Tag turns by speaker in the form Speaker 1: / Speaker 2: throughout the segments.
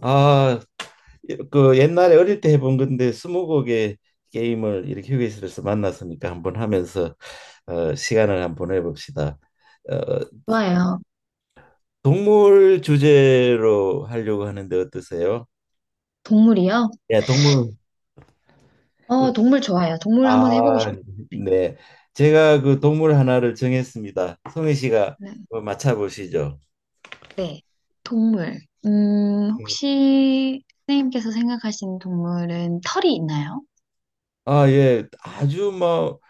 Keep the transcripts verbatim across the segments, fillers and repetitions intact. Speaker 1: 아, 그 옛날에 어릴 때 해본 건데 스무고개 게임을 이렇게 휴게실에서 만났으니까 한번 하면서 어, 시간을 한번 보내봅시다. 어,
Speaker 2: 좋아요.
Speaker 1: 동물 주제로 하려고 하는데 어떠세요?
Speaker 2: 동물이요?
Speaker 1: 예, 동물. 그-
Speaker 2: 어, 동물 좋아요. 동물 한번 해보고
Speaker 1: 아,
Speaker 2: 싶어요.
Speaker 1: 네. 제가 그 동물 하나를 정했습니다. 송혜 씨가
Speaker 2: 네.
Speaker 1: 한번 맞춰보시죠.
Speaker 2: 네. 동물. 음,
Speaker 1: 음.
Speaker 2: 혹시 선생님께서 생각하시는 동물은 털이 있나요?
Speaker 1: 아, 예. 아주 뭐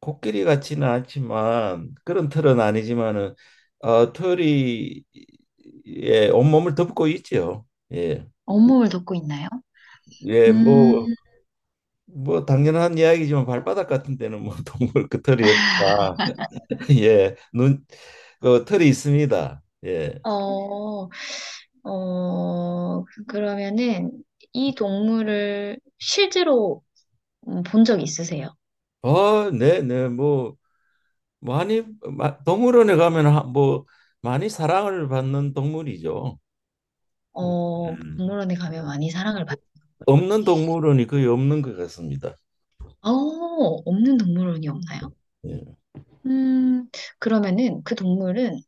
Speaker 1: 코끼리 같지는 않지만 그런 털은 아니지만은 어, 털이 예, 온몸을 덮고 있죠. 예.
Speaker 2: 온몸을 덮고 있나요?
Speaker 1: 예,
Speaker 2: 음,
Speaker 1: 뭐, 뭐 당연한 이야기지만 발바닥 같은 데는 뭐 동물 그 털이 없다. 예. 눈, 그 털이 있습니다. 예.
Speaker 2: 어, 어, 그- 그러면은 이 동물을 실제로 본 적 있으세요?
Speaker 1: 어, 네, 네. 뭐 많이 마, 동물원에 가면 하- 뭐 많이 사랑을 받는 동물이죠.
Speaker 2: 어,
Speaker 1: 음.
Speaker 2: 동물원에 가면 많이 사랑을 받는 동물.
Speaker 1: 없는 동물원이 거의 없는 것 같습니다.
Speaker 2: 어, 없는 동물원이 없나요?
Speaker 1: 예.
Speaker 2: 음, 그러면은 그 동물은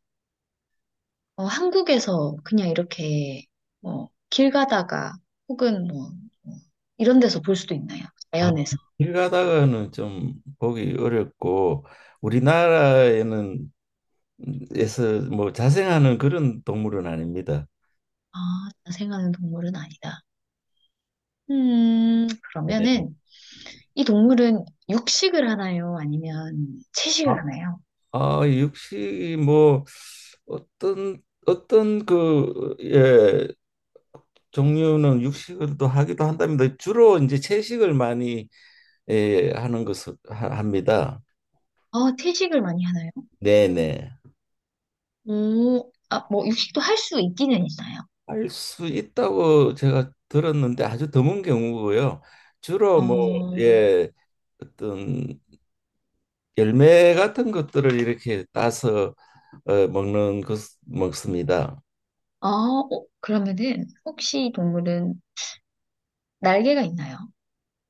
Speaker 2: 어, 한국에서 그냥 이렇게 어, 길 가다가 혹은 뭐, 뭐 이런 데서 볼 수도 있나요?
Speaker 1: 아,
Speaker 2: 자연에서.
Speaker 1: 길 가다가는 좀 보기 어렵고 우리나라에는 에서 뭐 자생하는 그런 동물은 아닙니다.
Speaker 2: 아, 자생하는 동물은 아니다. 음,
Speaker 1: 네.
Speaker 2: 그러면은 이 동물은 육식을 하나요? 아니면
Speaker 1: 아,
Speaker 2: 채식을 하나요?
Speaker 1: 아, 육식이 뭐 어떤 어떤 그 예, 종류는 육식을도 하기도 한답니다. 주로 이제 채식을 많이 예, 하는 것을 하- 합니다.
Speaker 2: 어, 채식을 많이 하나요?
Speaker 1: 네네.
Speaker 2: 오, 아, 뭐 육식도 할 수 있기는 있나요?
Speaker 1: 할 수 있다고 제가 들었는데 아주 드문 경우고요. 주로 뭐,
Speaker 2: 어,
Speaker 1: 예, 어떤 열매 같은 것들을 이렇게 따서 어, 먹는 것 먹습니다.
Speaker 2: 아, 어, 그러면은 혹시 이 동물은 날개가 있나요?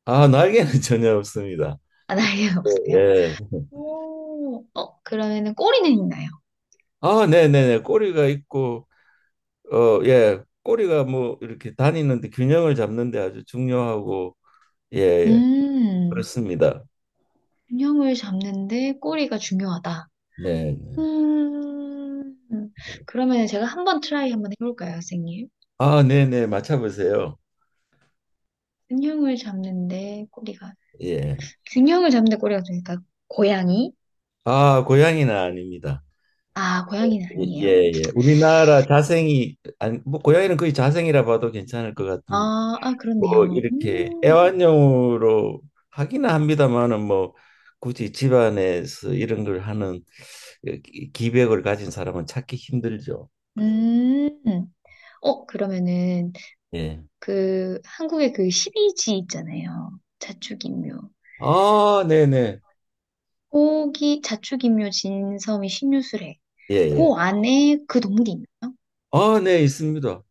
Speaker 1: 아, 날개는 전혀 없습니다.
Speaker 2: 아,
Speaker 1: 그-
Speaker 2: 날개가 없어요?
Speaker 1: 예.
Speaker 2: 오, 어, 그러면은 꼬리는 있나요?
Speaker 1: 아, 네네네. 꼬리가 있고, 어, 예. 꼬리가 뭐 이렇게 다니는데 균형을 잡는데 아주 중요하고, 예, 예.
Speaker 2: 음,
Speaker 1: 그렇습니다.
Speaker 2: 균형을 잡는데 꼬리가 중요하다.
Speaker 1: 네. 네.
Speaker 2: 음,
Speaker 1: 네.
Speaker 2: 그러면 제가 한번 트라이 한번 해볼까요, 선생님?
Speaker 1: 아, 네네. 맞춰보세요.
Speaker 2: 균형을 잡는데 꼬리가,
Speaker 1: 예.
Speaker 2: 균형을 잡는데 꼬리가 중요하니까, 고양이?
Speaker 1: 아, 고양이는 아닙니다.
Speaker 2: 아, 고양이는
Speaker 1: 예, 예.
Speaker 2: 아니에요.
Speaker 1: 예. 우리나라 자생이 아니 뭐 고양이는 거의 자생이라 봐도 괜찮을 것 같은
Speaker 2: 아, 아,
Speaker 1: 뭐
Speaker 2: 그렇네요.
Speaker 1: 이렇게
Speaker 2: 음,
Speaker 1: 애완용으로 하기는 합니다만은 뭐 굳이 집안에서 이런 걸 하는 그 기- 기백을 가진 사람은 찾기 힘들죠.
Speaker 2: 음, 어, 그러면은,
Speaker 1: 예.
Speaker 2: 그, 한국의 그시이지 있잖아요. 자축인묘.
Speaker 1: 아, 네네.
Speaker 2: 고기, 자축인묘, 진섬이, 신유술회.
Speaker 1: 예, 예.
Speaker 2: 그 안에 그 동물이 있나요?
Speaker 1: 아, 네, 있습니다.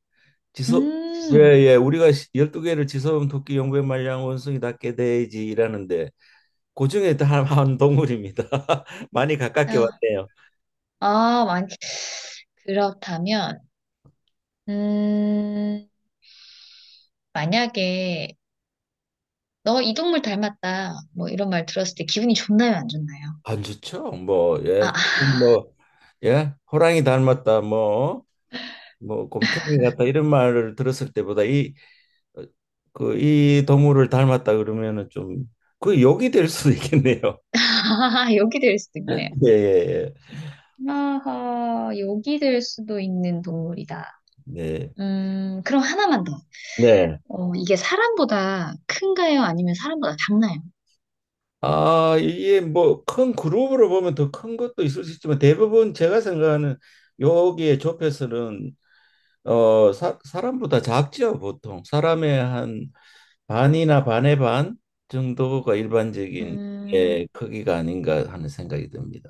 Speaker 1: 지소 예,
Speaker 2: 음,
Speaker 1: 예. 우리가 열두 개를 지소음 토끼 용배 말량 원숭이 닭개 돼지라는데 고중에 달한 동물입니다. 많이 가깝게
Speaker 2: 아,
Speaker 1: 왔네요.
Speaker 2: 아, 만, 그렇다면, 음, 만약에, 너 이 동물 닮았다, 뭐 이런 말 들었을 때 기분이 좋나요, 안 좋나요?
Speaker 1: 안 좋죠? 뭐,
Speaker 2: 아,
Speaker 1: 예, 뭐, 예, 호랑이 닮았다, 뭐, 뭐, 곰탱이 같다 이런 말을 들었을 때보다 이, 어, 그, 이 동물을 닮았다 그러면은 좀 그 욕이 될 수도 있겠네요.
Speaker 2: 여기 될 수도 있네요.
Speaker 1: 예, 예,
Speaker 2: 아하, 여기 될 수도 있는 동물이다.
Speaker 1: 예. 네,
Speaker 2: 음, 그럼 하나만 더.
Speaker 1: 네.
Speaker 2: 어, 이게 사람보다 큰가요? 아니면 사람보다 작나요?
Speaker 1: 아, 이게 뭐 큰 그룹으로 보면 더 큰 것도 있을 수 있지만 대부분 제가 생각하는 여기에 좁혀서는 어, 사, 사람보다 작죠, 보통. 사람의 한 반이나 반의 반 정도가 일반적인
Speaker 2: 음,
Speaker 1: 예, 크기가 아닌가 하는 생각이 듭니다.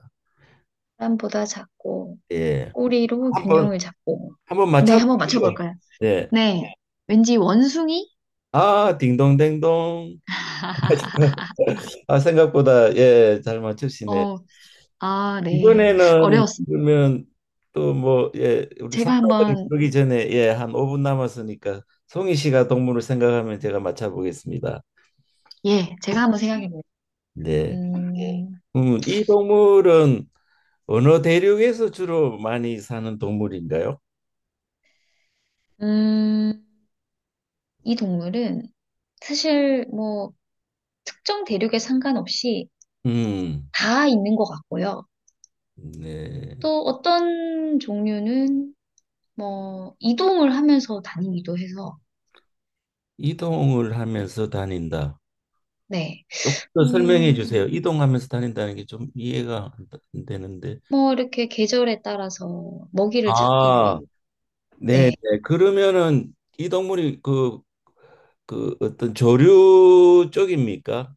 Speaker 2: 사람보다 작고,
Speaker 1: 예.
Speaker 2: 꼬리로
Speaker 1: 한번
Speaker 2: 균형을 잡고.
Speaker 1: 한번
Speaker 2: 네, 한번
Speaker 1: 맞춰보시죠.
Speaker 2: 맞춰볼까요?
Speaker 1: 예.
Speaker 2: 네. 왠지 원숭이?
Speaker 1: 아, 딩동댕동. 아, 생각보다 예, 잘 맞추시네.
Speaker 2: 어, 아, 네.
Speaker 1: 이번에는
Speaker 2: 어려웠습니다.
Speaker 1: 그러면 또 뭐 예, 우리
Speaker 2: 제가
Speaker 1: 상사들이
Speaker 2: 한번,
Speaker 1: 부르기 전에 예, 한 오 분 남았으니까 송희 씨가 동물을 생각하면 제가 맞춰보겠습니다.
Speaker 2: 예, 제가 한번 생각해 볼게요.
Speaker 1: 네.
Speaker 2: 네.
Speaker 1: 음, 이 동물은 어느 대륙에서 주로 많이 사는 동물인가요?
Speaker 2: 음, 음, 이 동물은 사실 뭐 특정 대륙에 상관없이
Speaker 1: 음,
Speaker 2: 다 있는 것 같고요.
Speaker 1: 네.
Speaker 2: 또 어떤 종류는 뭐 이동을 하면서 다니기도 해서,
Speaker 1: 이동을 하면서 다닌다.
Speaker 2: 네.
Speaker 1: 조금 더 설명해 주세요.
Speaker 2: 음,
Speaker 1: 이동하면서 다닌다는 게 좀 이해가 안 되- 안 되는데.
Speaker 2: 뭐 이렇게 계절에 따라서 먹이를 찾기 위해,
Speaker 1: 아, 네,
Speaker 2: 네.
Speaker 1: 네. 그러면은 이 동물이 그, 그 어떤 조류 쪽입니까?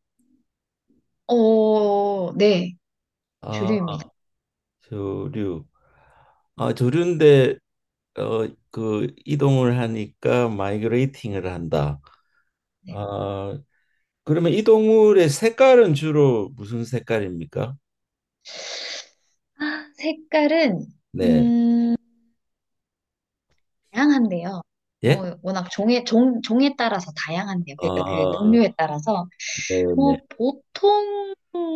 Speaker 2: 어, 네.
Speaker 1: 아,
Speaker 2: 주류입니다.
Speaker 1: 조류. 아, 조류인데 어, 그 이동을 하니까 마이그레이팅을 한다.
Speaker 2: 네.
Speaker 1: 아, 그러면 이 동물의 색깔은 주로 무슨 색깔입니까?
Speaker 2: 아, 색깔은,
Speaker 1: 네.
Speaker 2: 음, 다양한데요.
Speaker 1: 예?
Speaker 2: 뭐 워낙 종에 종 종에 따라서 다양한데요. 그러니까 그
Speaker 1: 아,
Speaker 2: 종류에 따라서
Speaker 1: 네네.
Speaker 2: 뭐 보통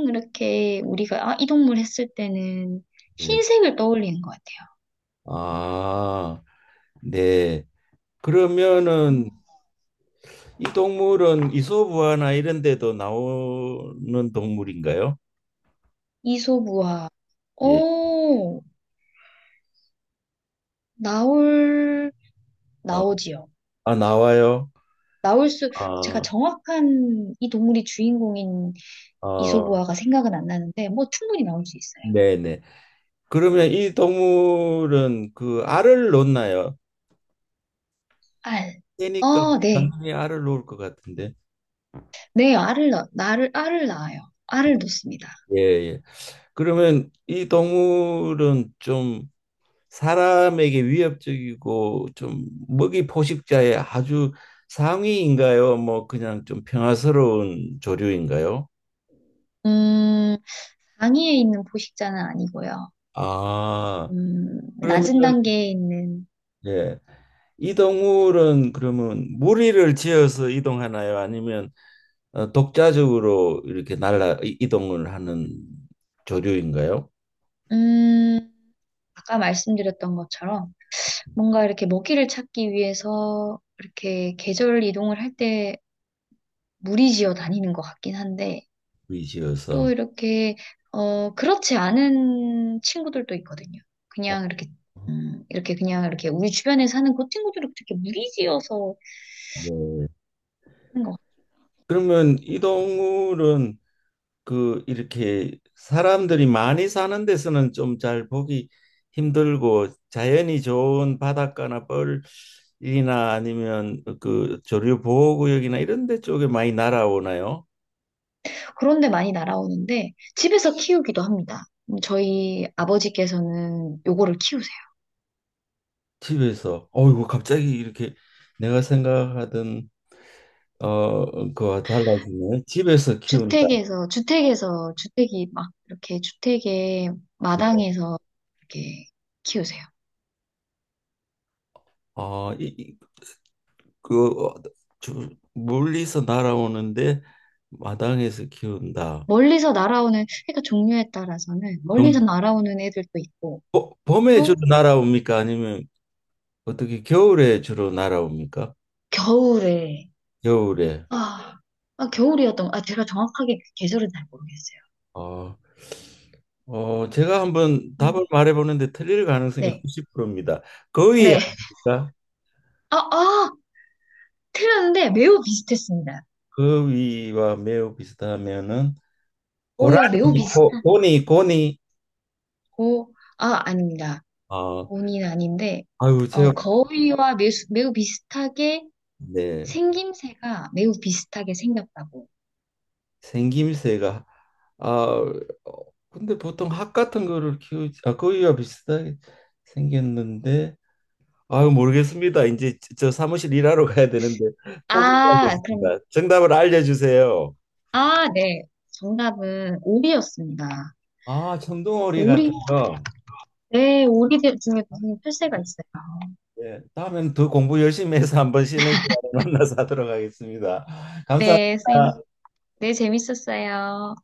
Speaker 2: 이렇게 우리가 아, 이 동물 했을 때는
Speaker 1: 네.
Speaker 2: 흰색을 떠올리는 것 같아요.
Speaker 1: 아, 네.
Speaker 2: 음.
Speaker 1: 그러면은 이 동물은 이솝우화나 이런 데도 나오는 동물인가요?
Speaker 2: 이소부화.
Speaker 1: 예.
Speaker 2: 오, 나올
Speaker 1: 어,
Speaker 2: 나오지요.
Speaker 1: 아, 나와요?
Speaker 2: 나올 수 제가
Speaker 1: 아,
Speaker 2: 정확한 이 동물이 주인공인
Speaker 1: 어,
Speaker 2: 이소부화가 생각은 안 나는데 뭐 충분히 나올 수 있어요.
Speaker 1: 네네. 그러면 이 동물은 그 알을 놓나요?
Speaker 2: 알.
Speaker 1: 새니까
Speaker 2: 어, 네.
Speaker 1: 당연히 알을 놓을 것 같은데.
Speaker 2: 네, 알을 낳, 나를 알을 낳아요. 알을 놓습니다.
Speaker 1: 예, 예. 그러면 이 동물은 좀 사람에게 위협적이고 좀 먹이 포식자의 아주 상위인가요? 뭐 그냥 좀 평화스러운 조류인가요?
Speaker 2: 음, 당위에 있는 포식자는 아니고요.
Speaker 1: 아,
Speaker 2: 음,
Speaker 1: 그러면
Speaker 2: 낮은 단계에 있는,
Speaker 1: 예. 이 동물은 그러면 무리를 지어서 이동하나요? 아니면 어, 독자적으로 이렇게 날라 이- 이동을 하는 조류인가요?
Speaker 2: 음, 아까 말씀드렸던 것처럼 뭔가 이렇게 먹이를 찾기 위해서 이렇게 계절 이동을 할 때 무리지어 다니는 것 같긴 한데
Speaker 1: 무리 지어서.
Speaker 2: 또 이렇게, 어, 그렇지 않은 친구들도 있거든요.
Speaker 1: 어,
Speaker 2: 그냥 이렇게, 음, 이렇게 그냥 이렇게 우리 주변에 사는 그 친구들은 그렇게 무리지어서
Speaker 1: 네.
Speaker 2: 하는 것
Speaker 1: 그러면 이 동물은 그 이렇게 사람들이 많이 사는 데서는 좀 잘 보기 힘들고 자연이 좋은 바닷가나 뻘이나 아니면 그 조류 보호구역이나 이런 데 쪽에 많이 날아오나요?
Speaker 2: 그런 데 많이 날아오는데 집에서 키우기도 합니다. 음, 저희 아버지께서는 요거를 키우세요.
Speaker 1: 집에서 어이구 갑자기 이렇게 내가 생각하던 어 그와 달라지네. 집에서 키운다.
Speaker 2: 주택에서, 주택에서, 주택이 막 이렇게 주택의
Speaker 1: 네.
Speaker 2: 마당에서 이렇게 키우세요.
Speaker 1: 아, 이, 이- 그 어, 주- 멀리서 날아오는데 마당에서 키운다.
Speaker 2: 멀리서 날아오는, 그러니까 종류에 따라서는 멀리서 날아오는 애들도 있고,
Speaker 1: 보- 봄에 주로
Speaker 2: 또
Speaker 1: 날아옵니까? 아니면 어떻게 겨울에 주로 날아옵니까?
Speaker 2: 겨울에,
Speaker 1: 겨울에.
Speaker 2: 아, 아, 겨울이었던, 아, 제가 정확하게 계절은 잘 모르겠어요.
Speaker 1: 어, 어, 제가 한번 답을 말해보는데 틀릴 가능성이
Speaker 2: 네,
Speaker 1: 구십 퍼센트입니다. 거위
Speaker 2: 네.
Speaker 1: 아닙니까?
Speaker 2: 아, 아! 틀렸는데 매우 비슷했습니다.
Speaker 1: 거위와 매우 비슷하면은
Speaker 2: 오이와 매우
Speaker 1: 고라니,
Speaker 2: 비슷
Speaker 1: 고, 고니, 고니.
Speaker 2: 고, 아, 아닙니다.
Speaker 1: 아,
Speaker 2: 곤인 아닌데,
Speaker 1: 아유, 제가
Speaker 2: 어, 거위와 매우, 매우 비슷하게
Speaker 1: 네
Speaker 2: 생김새가 매우 비슷하게 생겼다고.
Speaker 1: 생김새가 아 어, 근데 보통 학 같은 거를 키우지 아 거위와 비슷하게 생겼는데 아유, 모르겠습니다. 이제 저 사무실 일하러 가야 되는데
Speaker 2: 아, 그럼,
Speaker 1: 포기하겠습니다. 정답을 알려주세요.
Speaker 2: 아, 네. 정답은 오리였습니다.
Speaker 1: 아, 천둥오리 같은
Speaker 2: 오리?
Speaker 1: 거.
Speaker 2: 네, 오리들 중에 무슨 펼새가 있어요.
Speaker 1: 예, 다음에는 더 공부 열심히 해서 한번 쉬는 시간에 만나서 하도록 하겠습니다.
Speaker 2: 네, 쌤.
Speaker 1: 감사합니다.
Speaker 2: 네, 재밌었어요.